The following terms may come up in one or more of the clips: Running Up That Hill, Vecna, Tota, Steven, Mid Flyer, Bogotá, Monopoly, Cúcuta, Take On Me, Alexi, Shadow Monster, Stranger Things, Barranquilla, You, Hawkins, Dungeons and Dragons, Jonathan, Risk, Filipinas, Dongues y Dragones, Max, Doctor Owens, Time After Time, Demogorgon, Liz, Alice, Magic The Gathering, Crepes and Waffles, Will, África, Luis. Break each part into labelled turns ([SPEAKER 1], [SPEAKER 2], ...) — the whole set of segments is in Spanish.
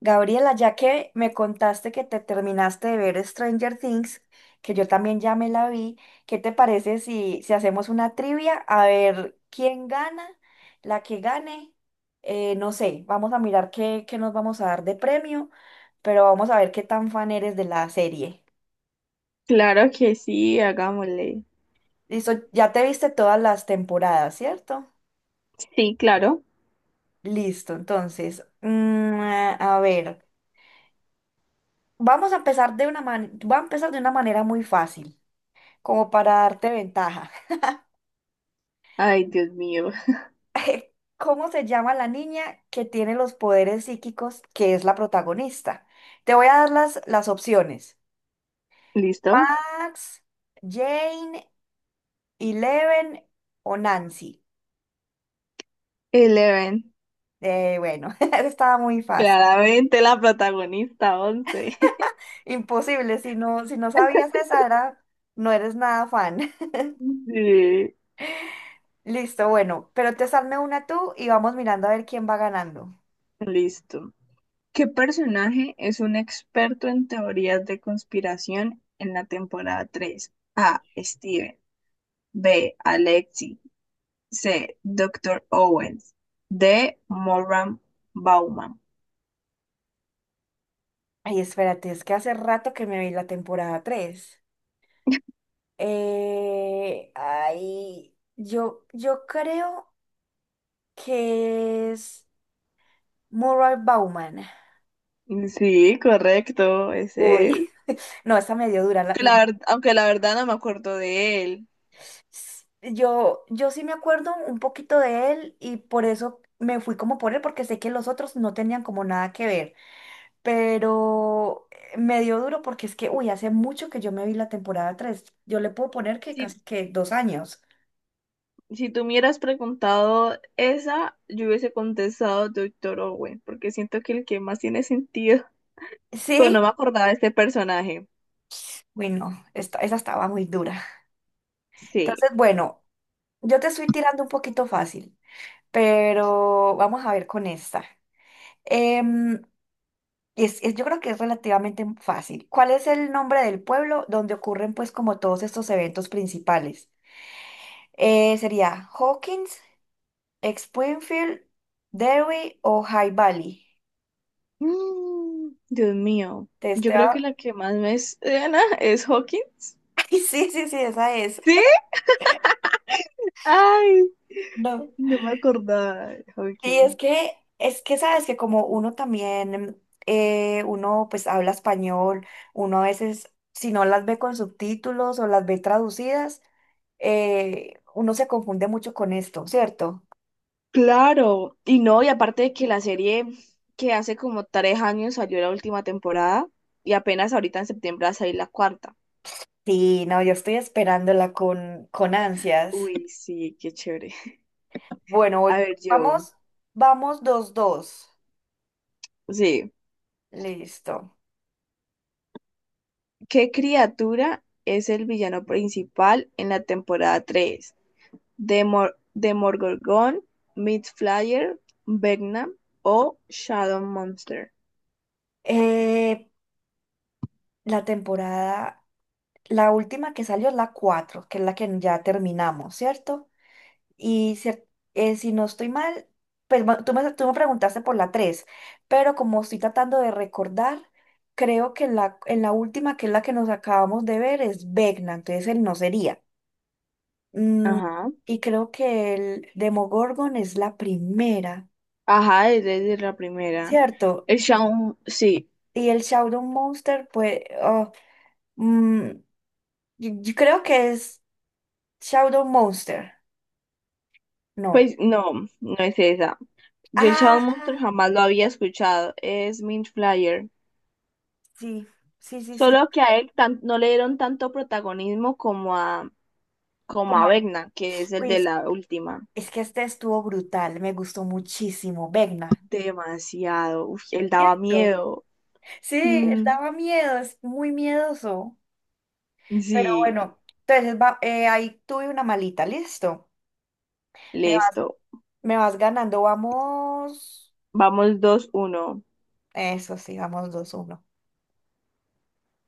[SPEAKER 1] Gabriela, ya que me contaste que te terminaste de ver Stranger Things, que yo también ya me la vi, ¿qué te parece si hacemos una trivia? A ver quién gana, la que gane, no sé, vamos a mirar qué nos vamos a dar de premio, pero vamos a ver qué tan fan eres de la serie.
[SPEAKER 2] Claro que sí, hagámosle.
[SPEAKER 1] Listo, ya te viste todas las temporadas, ¿cierto?
[SPEAKER 2] Sí, claro.
[SPEAKER 1] Listo, entonces, a ver, vamos a empezar de una man- voy a empezar de una manera muy fácil, como para darte ventaja.
[SPEAKER 2] Ay, Dios mío.
[SPEAKER 1] ¿Cómo se llama la niña que tiene los poderes psíquicos que es la protagonista? Te voy a dar las opciones.
[SPEAKER 2] ¿Listo?
[SPEAKER 1] Max, Jane, Eleven o Nancy.
[SPEAKER 2] Eleven.
[SPEAKER 1] Bueno, esa estaba muy fácil.
[SPEAKER 2] Claramente la protagonista, once.
[SPEAKER 1] Imposible, si no sabías esa era, no eres nada fan.
[SPEAKER 2] Sí,
[SPEAKER 1] Listo, bueno, pero te salme una tú y vamos mirando a ver quién va ganando.
[SPEAKER 2] listo. ¿Qué personaje es un experto en teorías de conspiración en la temporada 3? A. Steven. B. Alexi. C. Doctor Owens. D. Moran Bauman.
[SPEAKER 1] Ay, espérate, es que hace rato que me vi la temporada 3. Yo creo que es moral Bauman.
[SPEAKER 2] Sí, correcto.
[SPEAKER 1] Uy,
[SPEAKER 2] Ese
[SPEAKER 1] no, esa me dio dura, no.
[SPEAKER 2] aunque la verdad no me acuerdo de él.
[SPEAKER 1] Yo sí me acuerdo un poquito de él y por eso me fui como por él, porque sé que los otros no tenían como nada que ver, pero me dio duro porque es que, uy, hace mucho que yo me vi la temporada tres. Yo le puedo poner que
[SPEAKER 2] Si,
[SPEAKER 1] casi que dos años.
[SPEAKER 2] si tú me hubieras preguntado esa, yo hubiese contestado Doctor Owen, porque siento que el que más tiene sentido. Pero no me
[SPEAKER 1] Sí,
[SPEAKER 2] acordaba de este personaje.
[SPEAKER 1] uy, no, esa estaba muy dura.
[SPEAKER 2] Sí.
[SPEAKER 1] Entonces, bueno. Yo te estoy tirando un poquito fácil, pero vamos a ver con esta. Em, yo creo que es relativamente fácil. ¿Cuál es el nombre del pueblo donde ocurren pues como todos estos eventos principales? ¿Sería Hawkins, Springfield, Derry o High Valley?
[SPEAKER 2] Dios mío,
[SPEAKER 1] Te
[SPEAKER 2] yo
[SPEAKER 1] estoy...
[SPEAKER 2] creo que la que más me suena es Hawkins.
[SPEAKER 1] Ay, sí, sí, sí, esa es.
[SPEAKER 2] ¿Sí? Ay,
[SPEAKER 1] No.
[SPEAKER 2] no me acordaba de
[SPEAKER 1] Sí,
[SPEAKER 2] Hawkins.
[SPEAKER 1] es que sabes que como uno también, uno pues habla español, uno a veces, si no las ve con subtítulos o las ve traducidas, uno se confunde mucho con esto, ¿cierto?
[SPEAKER 2] Claro, y no, y aparte de que la serie que hace como tres años salió la última temporada y apenas ahorita en septiembre va a salir la cuarta.
[SPEAKER 1] Sí, no, yo estoy esperándola con ansias.
[SPEAKER 2] Uy, sí, qué chévere.
[SPEAKER 1] Bueno,
[SPEAKER 2] A
[SPEAKER 1] voy-
[SPEAKER 2] ver, yo,
[SPEAKER 1] vamos, dos.
[SPEAKER 2] sí,
[SPEAKER 1] Listo.
[SPEAKER 2] ¿qué criatura es el villano principal en la temporada 3? ¿Demor Demogorgon, Mid Flyer, Vecna o Shadow Monster?
[SPEAKER 1] Eh, la temporada, la última que salió es la cuatro, que es la que ya terminamos, ¿cierto? Y cier- si no estoy mal, tú me preguntaste por la tres, pero como estoy tratando de recordar, creo que en la última, que es la que nos acabamos de ver, es Vecna, entonces él no sería. Mm,
[SPEAKER 2] Ajá,
[SPEAKER 1] y creo que el Demogorgon es la primera,
[SPEAKER 2] ajá, es desde la primera.
[SPEAKER 1] ¿cierto?
[SPEAKER 2] El Shadow, sí,
[SPEAKER 1] Y el Shadow Monster, pues, mm, yo creo que es Shadow Monster, no.
[SPEAKER 2] pues no, no es esa. Yo el Shadow
[SPEAKER 1] Ah,
[SPEAKER 2] Monster jamás lo había escuchado, es Mint Flyer.
[SPEAKER 1] sí, sí.
[SPEAKER 2] Solo que no le dieron tanto protagonismo como
[SPEAKER 1] como
[SPEAKER 2] a Vecna, que es el
[SPEAKER 1] Uy,
[SPEAKER 2] de la última.
[SPEAKER 1] es que este estuvo brutal, me gustó muchísimo. Vegna.
[SPEAKER 2] Demasiado, uf, él daba
[SPEAKER 1] ¿Cierto?
[SPEAKER 2] miedo.
[SPEAKER 1] Sí, él
[SPEAKER 2] Mm,
[SPEAKER 1] daba miedo, es muy miedoso. Pero
[SPEAKER 2] sí,
[SPEAKER 1] bueno, entonces ahí tuve una malita, listo. Me vas,
[SPEAKER 2] listo.
[SPEAKER 1] me vas ganando, vamos.
[SPEAKER 2] Vamos 2-1.
[SPEAKER 1] Eso sí, vamos dos uno.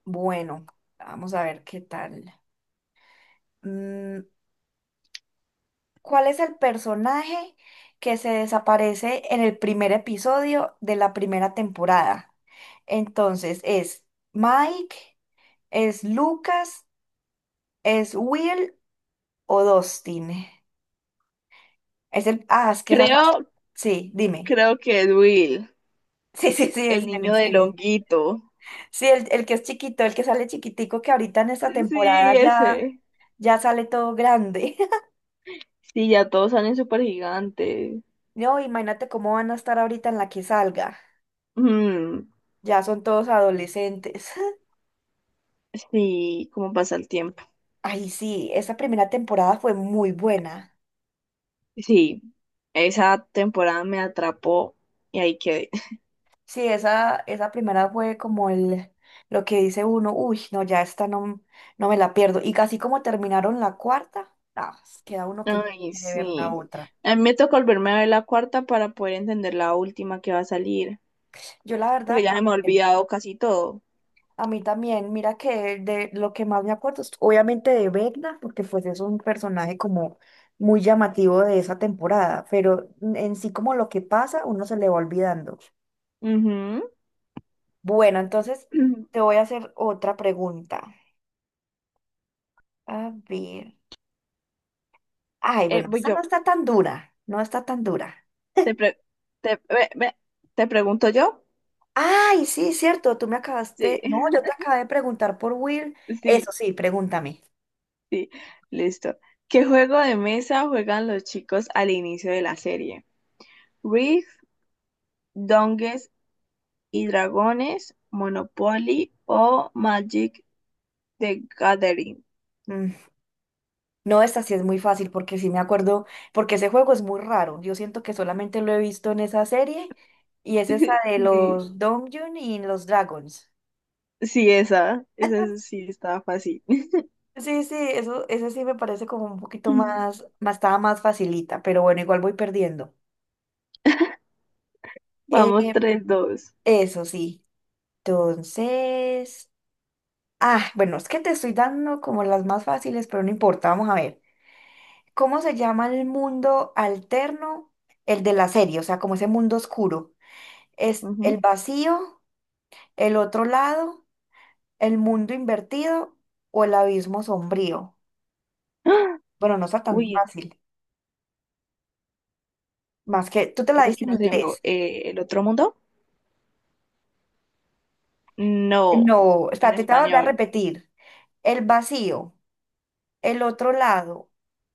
[SPEAKER 1] Bueno, vamos a ver qué tal. Mm, ¿Cuál es el personaje que se desaparece en el primer episodio de la primera temporada? Entonces, ¿es Mike? ¿Es Lucas, es Will o Dustin? Es el, ah, es que esa raza,
[SPEAKER 2] Creo,
[SPEAKER 1] sí, dime.
[SPEAKER 2] creo que es Will,
[SPEAKER 1] Sí, es
[SPEAKER 2] el
[SPEAKER 1] él,
[SPEAKER 2] niño
[SPEAKER 1] es
[SPEAKER 2] del
[SPEAKER 1] él.
[SPEAKER 2] honguito.
[SPEAKER 1] Sí, el que es chiquito, el que sale chiquitico, que ahorita en esta temporada
[SPEAKER 2] Sí,
[SPEAKER 1] ya,
[SPEAKER 2] ese.
[SPEAKER 1] ya sale todo grande.
[SPEAKER 2] Sí, ya todos salen súper gigantes.
[SPEAKER 1] No, imagínate cómo van a estar ahorita en la que salga.
[SPEAKER 2] Mm,
[SPEAKER 1] Ya son todos adolescentes.
[SPEAKER 2] sí, cómo pasa el tiempo.
[SPEAKER 1] Ay, sí, esa primera temporada fue muy buena.
[SPEAKER 2] Sí, esa temporada me atrapó y ahí quedé.
[SPEAKER 1] Sí, esa primera fue como el, lo que dice uno, uy, no, ya esta no, no me la pierdo. Y casi como terminaron la cuarta, ah, queda uno que
[SPEAKER 2] Ay,
[SPEAKER 1] quiere ver la
[SPEAKER 2] sí.
[SPEAKER 1] otra.
[SPEAKER 2] A mí me tocó volverme a ver la cuarta para poder entender la última que va a salir,
[SPEAKER 1] Yo la
[SPEAKER 2] porque
[SPEAKER 1] verdad
[SPEAKER 2] ya se me ha
[SPEAKER 1] también,
[SPEAKER 2] olvidado casi todo.
[SPEAKER 1] a mí también, mira que de lo que más me acuerdo es obviamente de Vecna, porque pues es un personaje como muy llamativo de esa temporada, pero en sí como lo que pasa, uno se le va olvidando.
[SPEAKER 2] Ujú.
[SPEAKER 1] Bueno, entonces te voy a hacer otra pregunta. A ver. Ay, bueno,
[SPEAKER 2] Voy
[SPEAKER 1] esta no
[SPEAKER 2] yo.
[SPEAKER 1] está tan dura, no está tan dura.
[SPEAKER 2] Te, pre- te, ve- ve- ¿te pregunto yo?
[SPEAKER 1] Ay, sí, cierto,
[SPEAKER 2] Sí,
[SPEAKER 1] no, yo te acabé de preguntar por Will.
[SPEAKER 2] sí,
[SPEAKER 1] Eso sí, pregúntame.
[SPEAKER 2] sí. Listo. ¿Qué juego de mesa juegan los chicos al inicio de la serie? ¿Risk, Dongues y Dragones, Monopoly o Magic The Gathering?
[SPEAKER 1] Mm, No, esta sí es muy fácil porque sí me acuerdo, porque ese juego es muy raro. Yo siento que solamente lo he visto en esa serie y es esa de
[SPEAKER 2] Sí,
[SPEAKER 1] los Donjun y los Dragons.
[SPEAKER 2] sí, esa. Esa sí estaba fácil.
[SPEAKER 1] Sí, sí, eso, ese sí me parece como un poquito más, más, estaba más facilita, pero bueno, igual voy perdiendo. Eh,
[SPEAKER 2] Vamos, 3-2.
[SPEAKER 1] eso sí. Entonces... Ah, bueno, es que te estoy dando como las más fáciles, pero no importa, vamos a ver. ¿Cómo se llama el mundo alterno? El de la serie, o sea, como ese mundo oscuro. ¿Es
[SPEAKER 2] Ujú.
[SPEAKER 1] el vacío, el otro lado, el mundo invertido o el abismo sombrío?
[SPEAKER 2] ¡Ah!
[SPEAKER 1] Bueno, no está tan
[SPEAKER 2] Uy,
[SPEAKER 1] fácil. Más que tú te la
[SPEAKER 2] esa
[SPEAKER 1] diste en
[SPEAKER 2] esquina se llama,
[SPEAKER 1] inglés.
[SPEAKER 2] ¿El otro mundo? No,
[SPEAKER 1] No,
[SPEAKER 2] en
[SPEAKER 1] espérate, te voy a volver a
[SPEAKER 2] español.
[SPEAKER 1] repetir. El vacío, el otro lado,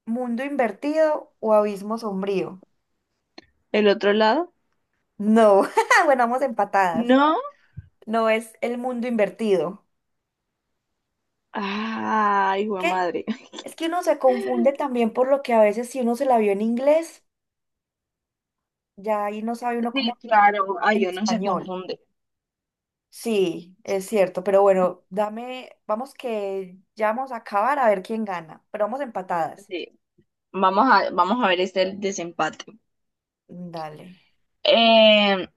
[SPEAKER 1] mundo invertido o abismo sombrío.
[SPEAKER 2] ¿El otro lado?
[SPEAKER 1] No, bueno, vamos empatadas.
[SPEAKER 2] No.
[SPEAKER 1] No es el mundo invertido.
[SPEAKER 2] Ay, hijo de
[SPEAKER 1] ¿Qué?
[SPEAKER 2] madre.
[SPEAKER 1] Es que uno se confunde también por lo que a veces si uno se la vio en inglés, ya ahí no sabe uno
[SPEAKER 2] Sí,
[SPEAKER 1] cómo
[SPEAKER 2] claro.
[SPEAKER 1] en
[SPEAKER 2] Ay, uno se
[SPEAKER 1] español.
[SPEAKER 2] confunde.
[SPEAKER 1] Sí, es cierto, pero bueno, dame, vamos que ya vamos a acabar a ver quién gana, pero vamos empatadas.
[SPEAKER 2] Sí. Vamos a ver este el desempate.
[SPEAKER 1] Dale.
[SPEAKER 2] Eh,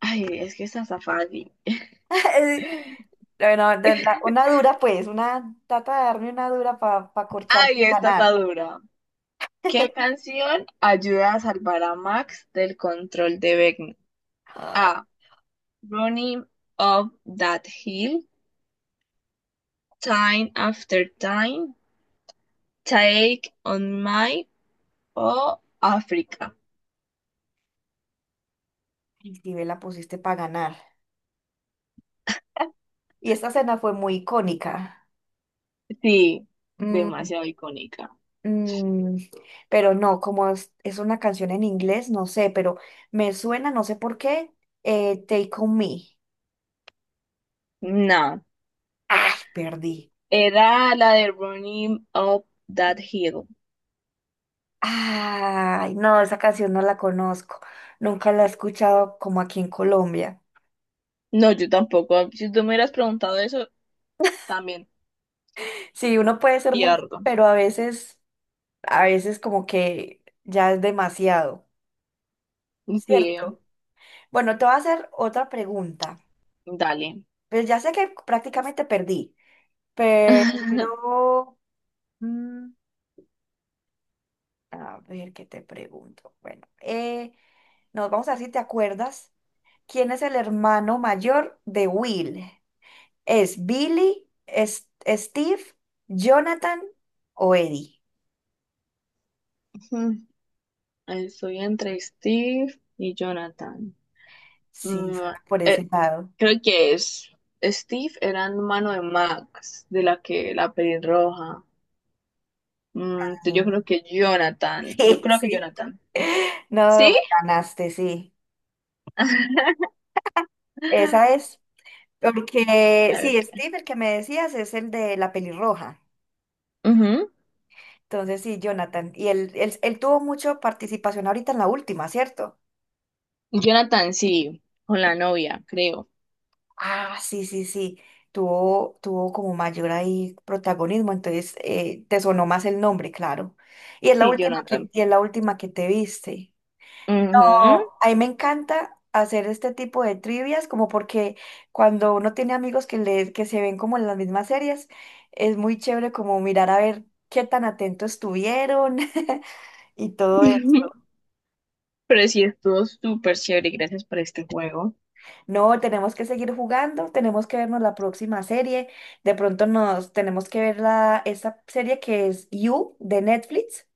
[SPEAKER 2] ay, es que esta está fácil.
[SPEAKER 1] Bueno, una dura pues, una, trata de darme una dura para corcharme y
[SPEAKER 2] Ay, esta está
[SPEAKER 1] ganar.
[SPEAKER 2] dura. ¿Qué canción ayuda a salvar a Max del control de Vecna? A. Running Up That Hill, Time After Time, Take On My o África.
[SPEAKER 1] ¿Y sí, me la pusiste para ganar? Y esta cena fue muy icónica.
[SPEAKER 2] Sí,
[SPEAKER 1] Mm,
[SPEAKER 2] demasiado icónica.
[SPEAKER 1] Mm, pero no, es una canción en inglés, no sé, pero me suena, no sé por qué, Take On Me.
[SPEAKER 2] No,
[SPEAKER 1] Ay, perdí.
[SPEAKER 2] era la de Running Up That Hill.
[SPEAKER 1] Ay, no, esa canción no la conozco. Nunca la he escuchado como aquí en Colombia.
[SPEAKER 2] No, yo tampoco. Si tú me hubieras preguntado eso, también
[SPEAKER 1] Sí, uno puede ser muy,
[SPEAKER 2] pierdo.
[SPEAKER 1] pero a veces como que ya es demasiado,
[SPEAKER 2] Sí,
[SPEAKER 1] ¿cierto? Bueno, te voy a hacer otra pregunta.
[SPEAKER 2] dale.
[SPEAKER 1] Pues ya sé que prácticamente perdí, pero... mm, a ver, ¿qué te pregunto? Bueno, nos vamos a ver si te acuerdas. ¿Quién es el hermano mayor de Will? ¿Es Billy, Steve, Jonathan o Eddie?
[SPEAKER 2] Estoy entre Steve y Jonathan.
[SPEAKER 1] Sí,
[SPEAKER 2] Mm,
[SPEAKER 1] suena por
[SPEAKER 2] eh,
[SPEAKER 1] ese lado.
[SPEAKER 2] creo que es. Steve era hermano de Max, de la que la pelirroja. Mm, entonces yo
[SPEAKER 1] Ah,
[SPEAKER 2] creo que Jonathan. Yo
[SPEAKER 1] sí,
[SPEAKER 2] creo que
[SPEAKER 1] sí.
[SPEAKER 2] Jonathan.
[SPEAKER 1] No,
[SPEAKER 2] ¿Sí?
[SPEAKER 1] me ganaste, sí. Esa es. Porque, sí,
[SPEAKER 2] Ok.
[SPEAKER 1] Steve, el que me decías, es el de la pelirroja.
[SPEAKER 2] Ujú.
[SPEAKER 1] Entonces, sí, Jonathan. Y él tuvo mucha participación ahorita en la última, ¿cierto?
[SPEAKER 2] Jonathan, sí. Con la novia, creo.
[SPEAKER 1] Ah, sí, sí, sí. Tuvo como mayor ahí protagonismo, entonces te sonó más el nombre, claro.
[SPEAKER 2] Sí, Jonathan.
[SPEAKER 1] Y es la última que te viste.
[SPEAKER 2] Ujú.
[SPEAKER 1] No, a mí me encanta hacer este tipo de trivias, como porque cuando uno tiene amigos que se ven como en las mismas series, es muy chévere como mirar a ver qué tan atentos estuvieron y todo eso.
[SPEAKER 2] Pero sí, estuvo súper chévere. Gracias por este juego.
[SPEAKER 1] No, tenemos que seguir jugando, tenemos que vernos la próxima serie. De pronto nos tenemos que ver esa serie que es You de Netflix,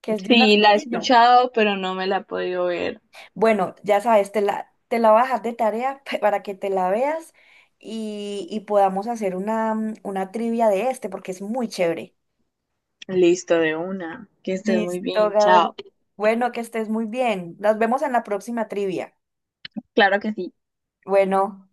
[SPEAKER 1] que es de un
[SPEAKER 2] Sí, la he
[SPEAKER 1] asesino.
[SPEAKER 2] escuchado, pero no me la he podido ver.
[SPEAKER 1] Bueno, ya sabes, te la voy a dejar de tarea para que te la veas y podamos hacer una, una trivia de este, porque es muy chévere.
[SPEAKER 2] Listo de una. Que estés muy
[SPEAKER 1] Listo,
[SPEAKER 2] bien.
[SPEAKER 1] Gabriel.
[SPEAKER 2] Chao.
[SPEAKER 1] Bueno, que estés muy bien. Nos vemos en la próxima trivia.
[SPEAKER 2] Claro que sí.
[SPEAKER 1] Bueno.